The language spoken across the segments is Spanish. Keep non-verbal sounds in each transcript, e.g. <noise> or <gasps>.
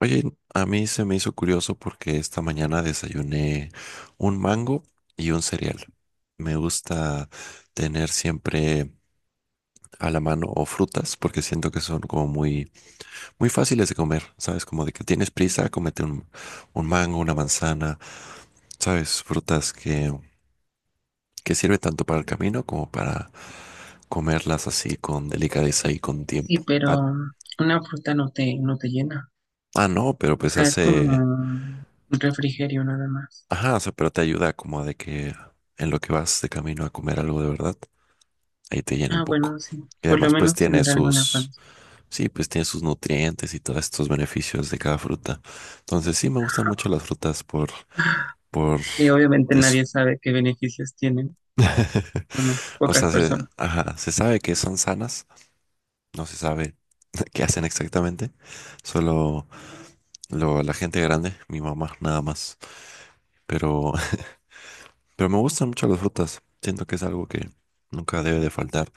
Oye, a mí se me hizo curioso porque esta mañana desayuné un mango y un cereal. Me gusta tener siempre a la mano o frutas porque siento que son como muy fáciles de comer, ¿sabes? Como de que tienes prisa, cómete un mango, una manzana, ¿sabes? Frutas que sirven tanto para el camino como para comerlas así con delicadeza y con Sí, tiempo. Ah, pero una fruta no te llena. No, pero O pues sea, es como hace... un refrigerio nada más. Ajá, o sea, pero te ayuda como de que en lo que vas de camino a comer algo de verdad, ahí te llena un Ah, poco. bueno, sí. Y Por lo además, pues menos tiene tener algo en la sus, panza. sí, pues tiene sus nutrientes y todos estos beneficios de cada fruta. Entonces, sí, me gustan mucho las frutas por Que obviamente eso. nadie sabe qué beneficios tienen. Bueno, O pocas sea, se, personas. ajá, se sabe que son sanas, no se sabe <laughs> qué hacen exactamente, solo lo, la gente grande, mi mamá, nada más. Pero, <laughs> pero me gustan mucho las frutas, siento que es algo que nunca debe de faltar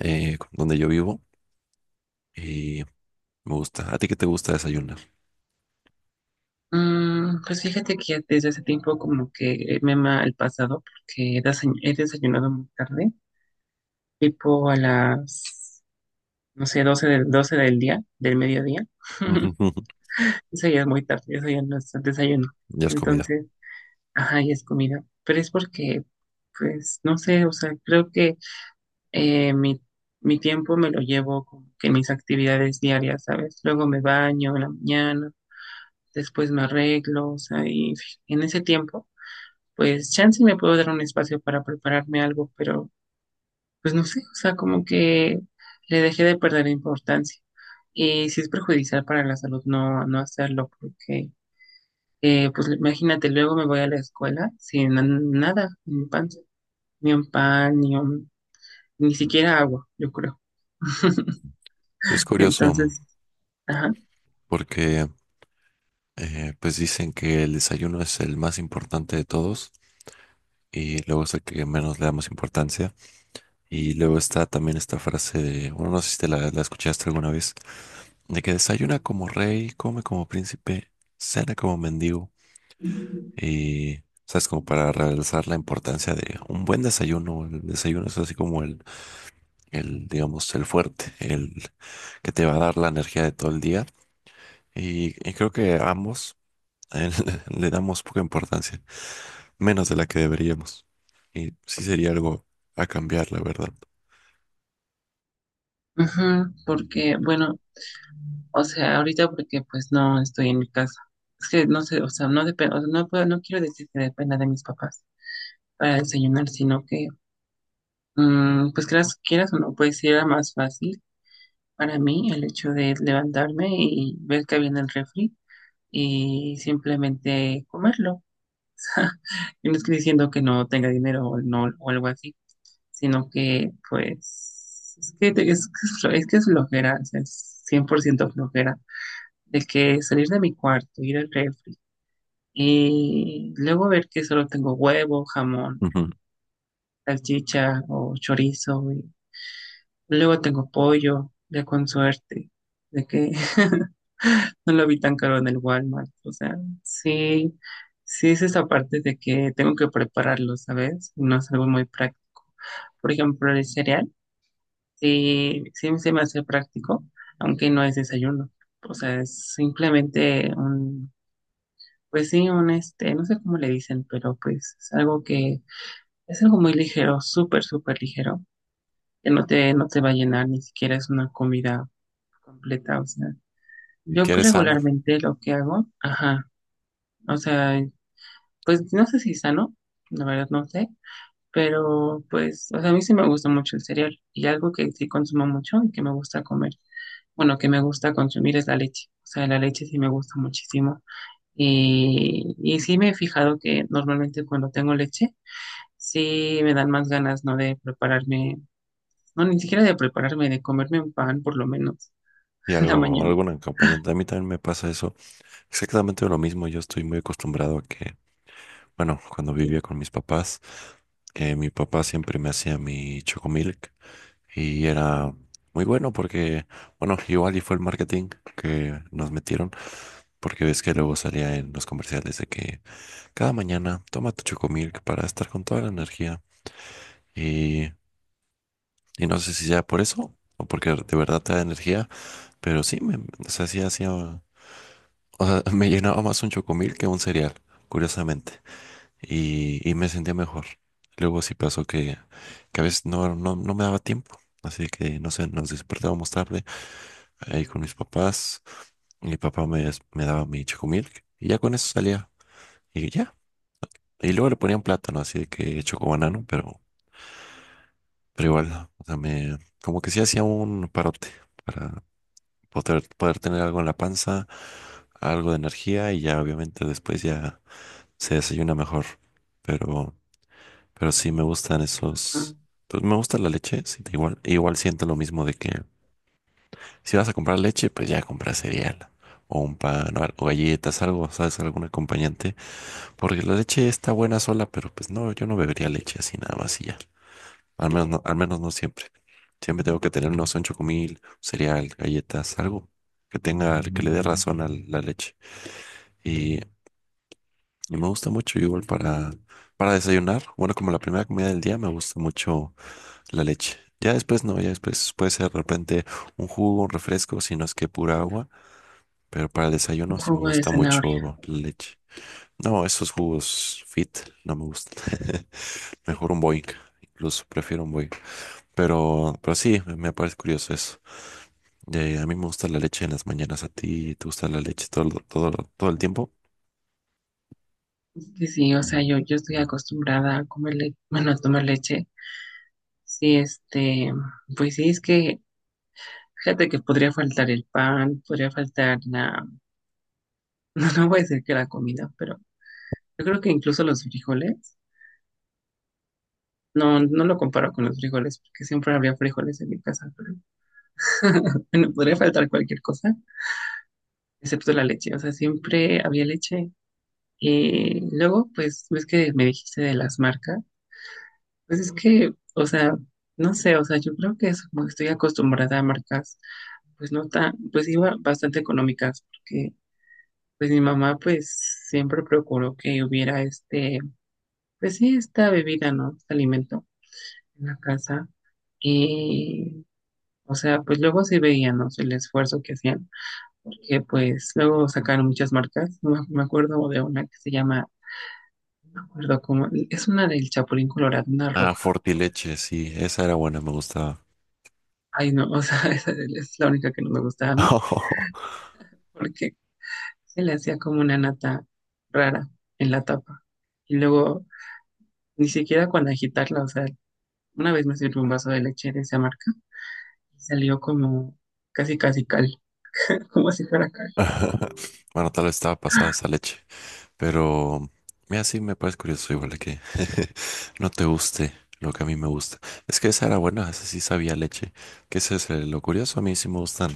donde yo vivo. Y me gusta. ¿A ti qué te gusta desayunar? Pues fíjate que desde hace tiempo como que me ama el pasado porque he desayunado muy tarde, tipo a las, no sé, 12 del día, del mediodía. <laughs> <laughs> Eso ya es muy tarde, eso ya no es desayuno. Ya es comida. Entonces... Ajá, y es comida. Pero es porque, pues, no sé, o sea, creo que eh, mi, mi tiempo me lo llevo con que en mis actividades diarias, ¿sabes? Luego me baño en la mañana, después me arreglo, o sea, y en ese tiempo, pues, chance me puedo dar un espacio para prepararme algo, pero, pues, no sé, o sea, como que le dejé de perder importancia. Y si es perjudicial para la salud, no hacerlo, porque, pues, imagínate, luego me voy a la escuela sin na- nada en mi panza. Ni un pan, ni siquiera agua, yo creo. <laughs> Es curioso Entonces, ajá. porque pues dicen que el desayuno es el más importante de todos y luego es el que menos le damos importancia. Y luego está también esta frase de, bueno, no sé si te la escuchaste alguna vez, de que desayuna como rey, come como príncipe, cena como mendigo. Y, ¿sabes? Como para realzar la importancia de un buen desayuno. El desayuno es así como el digamos, el fuerte, el que te va a dar la energía de todo el día. Y creo que ambos eh, <laughs> le damos poca importancia, menos de la que deberíamos. Y sí sería algo a cambiar, la verdad. Ujú, porque, bueno, o sea, ahorita porque pues no estoy en mi casa. Es que no sé, o sea, no depende, o sea, no puedo, no quiero decir que dependa de mis papás para desayunar, sino que, pues quieras o no, pues sí era más fácil para mí el hecho de levantarme y ver que había en el refri y simplemente comerlo. Y no estoy diciendo que no tenga dinero o no, o algo así, sino que pues es que te- es, <laughs> es que es flojera, o sea, es 100% flojera, de que salir de mi cuarto, ir al refri y luego ver que solo tengo huevo, jamón, Ujú. salchicha o chorizo, y luego tengo pollo, ya con suerte, de que <laughs> no lo vi tan caro en el Walmart, o sea, sí, sí es esa parte de que tengo que prepararlo, ¿sabes? No es algo muy práctico. Por ejemplo, el cereal. Sí, sí se me hace práctico, aunque no es desayuno. O sea, pues sí, un este, no sé cómo le dicen, pero pues es algo muy ligero, súper ligero, que no te va a llenar, ni siquiera es una comida completa. O sea, Y yo que eres sano. regularmente lo que hago, ajá, o sea, pues no sé si es sano, la verdad no sé, pero pues, o sea, a mí sí me gusta mucho el cereal y algo que sí consumo mucho y que me gusta comer, bueno, que me gusta consumir es la leche. O sea, la leche sí me gusta muchísimo. Y sí me he fijado que normalmente cuando tengo leche, sí me dan más ganas, ¿no? De prepararme, no, ni siquiera de prepararme, de comerme un pan por lo menos Y <laughs> en la algo, mañana. algún acompañante. A mí también me pasa eso. Exactamente lo mismo. Yo estoy muy acostumbrado a que, bueno, cuando vivía con mis papás, que mi papá siempre me hacía mi chocomilk. Y era muy bueno porque, bueno, igual y fue el marketing que nos metieron. Porque ves que luego salía en los comerciales de que cada mañana toma tu Chocomilk para estar con toda la energía. Y, y no sé si sea por eso o porque de verdad te da energía, pero sí, me, o sea, sí hacía, o sea, <laughs> me llenaba más un Chocomilk que un cereal, curiosamente. Y me sentía mejor. Luego sí pasó que a veces no me daba tiempo. Así que, no sé, nos despertábamos tarde ahí con mis papás. Mi papá me, des- me daba mi Chocomilk y ya con eso salía. Y ya. Y luego le ponían plátano, así de que chocobanano, pero igual, o sea, me, como que sí hacía un parote para poder tener algo en la panza, algo de energía y ya obviamente después ya se desayuna mejor. Pero, pero sí me gustan Ah, esos, pues me gusta la leche, sí, da igual, igual siento lo mismo de que si vas a comprar leche, pues ya compras cereal o un pan o, al- o galletas, algo, ¿sabes? Algún acompañante. Porque la leche está buena sola, pero pues no, yo no bebería leche así nada más y ya. Al menos no siempre. Siempre tengo que tener unos 8 mil, cereal, galletas, algo que tenga, que le dé razón a la leche. Y, y me gusta mucho igual para desayunar. Bueno, como la primera comida del día me gusta mucho la leche. Ya después no, ya después puede ser de repente un jugo, un refresco, si no es que pura agua. Pero para el un desayuno sí me jugo de gusta zanahoria. mucho la leche. No, esos jugos fit no me gustan. <laughs> Mejor un Boing. Incluso prefiero un Boing. Pero sí, me parece curioso eso. A mí me gusta la leche en las mañanas, a ti te gusta la leche todo, el- todo, todo el tiempo. Es que sí, o sea, yo estoy acostumbrada a comer leche, bueno, a tomar leche. Sí, este, pues sí, es que fíjate que podría faltar el pan, <laughs> no voy a decir que la comida, pero yo creo que incluso los frijoles. No, no lo comparo con los frijoles, porque siempre había frijoles en mi casa. Pero... <laughs> bueno, podría faltar cualquier cosa, excepto la leche. O sea, siempre había leche. Y luego, pues, ves que me dijiste de las marcas. Pues es que, o sea, no sé, o sea, yo creo que es como que estoy acostumbrada a marcas, pues no tan, pues iba bastante económicas, porque pues mi mamá pues siempre procuró que hubiera este, pues sí, esta bebida, ¿no? Este alimento en la casa. Y o sea, pues luego sí veíamos el esfuerzo que hacían, porque pues luego sacaron muchas marcas. Me acuerdo de una que se llama, no me acuerdo cómo, es una del Chapulín Colorado, una Ah, roja. Fortileche, sí, esa era buena, me gustaba. Ay, no, o sea, <laughs> esa es la única que no me gustaba a mí, <laughs> porque se le hacía como una nata rara en la tapa. Y luego, ni siquiera cuando agitarla, o sea, una vez me sirvió un vaso de leche de esa marca y salió como casi, casi cal, <laughs> como si fuera cal. Bueno, tal vez estaba pasada esa leche, pero mira, sí me parece curioso igual de que <laughs> no te guste lo que a mí me gusta. Es que esa era buena, esa sí sabía leche. Qué es lo curioso, a mí sí me gustan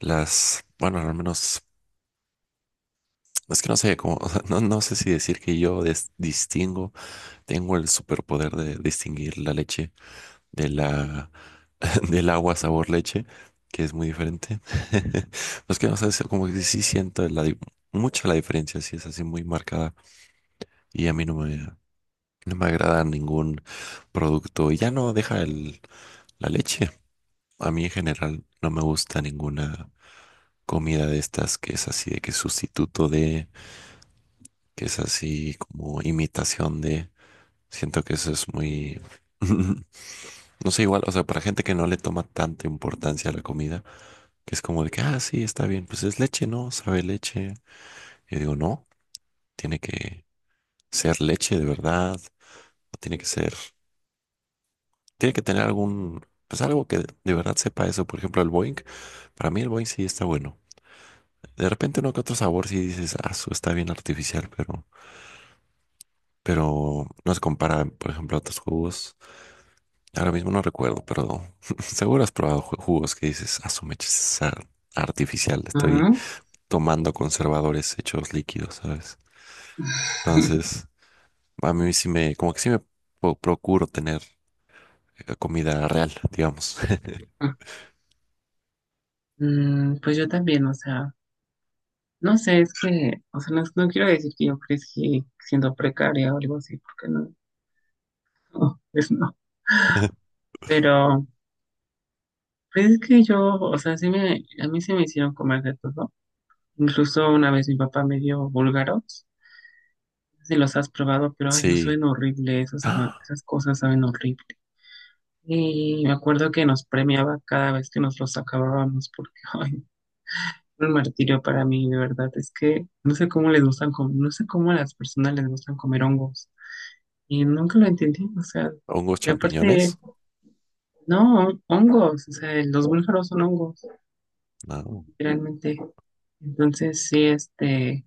las, bueno, al menos, es que no sé cómo, <laughs> o sea, no, no sé si decir que yo des- distingo, tengo el superpoder de distinguir la leche de la, <laughs> del agua sabor leche, que es muy diferente. <laughs> Pues que no sé, es como que sí siento la, di- mucha la diferencia, sí es así muy marcada y a mí no me agrada ningún producto. Y ya no deja el, la leche. A mí en general no me gusta ninguna comida de estas que es así de que sustituto de, que es así como imitación de. Siento que eso es muy... <laughs> No sé, igual, o sea, para gente que no le toma tanta importancia a la comida, que es como de que, ah, sí, está bien, pues es leche, ¿no? Sabe a leche. Y digo, no, tiene que ser leche de verdad, o tiene que ser, tiene que tener algún, pues algo que de verdad sepa eso. Por ejemplo, el Boeing, para mí el Boeing sí está bueno. De repente uno que otro sabor sí dices, ah, su está bien artificial, pero no se compara, por ejemplo, a otros jugos. Ahora mismo no recuerdo, pero <laughs> seguro has probado ju- jugos que dices, ah, su mecha es ar- artificial, estoy Ajá. tomando conservadores hechos líquidos, ¿sabes? <laughs> Entonces, a mí sí me, como que sí me po- procuro tener comida real, digamos. Pues yo también, o sea, no sé, es que, o sea, no, no quiero decir que yo crecí siendo precaria o algo así, porque no, no, pues no. <laughs> Pero, pues es que yo, o sea, sí me, a mí se me hicieron comer de todo. Incluso una vez mi papá me dio búlgaros, no sé si los has probado, pero ay, no Sí. saben horrible, <gasps> ¡Ah! esas cosas saben horrible. Y me acuerdo que nos premiaba cada vez que nos los acabábamos, porque, <laughs> ay, fue un martirio para mí, de verdad, es que no sé cómo les gustan, no sé cómo a las personas les gustan comer hongos. Y nunca lo entendí, o sea, ¿Hongos y aparte, champiñones? no, hongos, o sea, los búlgaros son hongos, No. literalmente. Entonces, sí, este,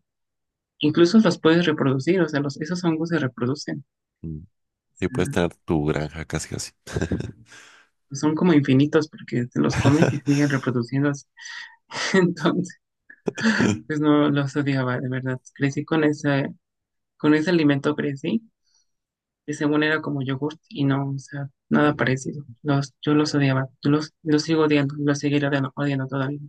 incluso los puedes reproducir, o sea, los, esos hongos se reproducen, Mm. o Sí, puedes sea, tener tu granja casi casi. pues son como infinitos porque te los comes y <laughs> siguen reproduciéndose. <laughs> Entonces, pues no los odiaba, de verdad. Crecí con ese alimento crecí, que según era como yogurt y no, o sea, nada parecido. Los, yo los odiaba, los sigo odiando, los seguiré odiando, odiando todavía.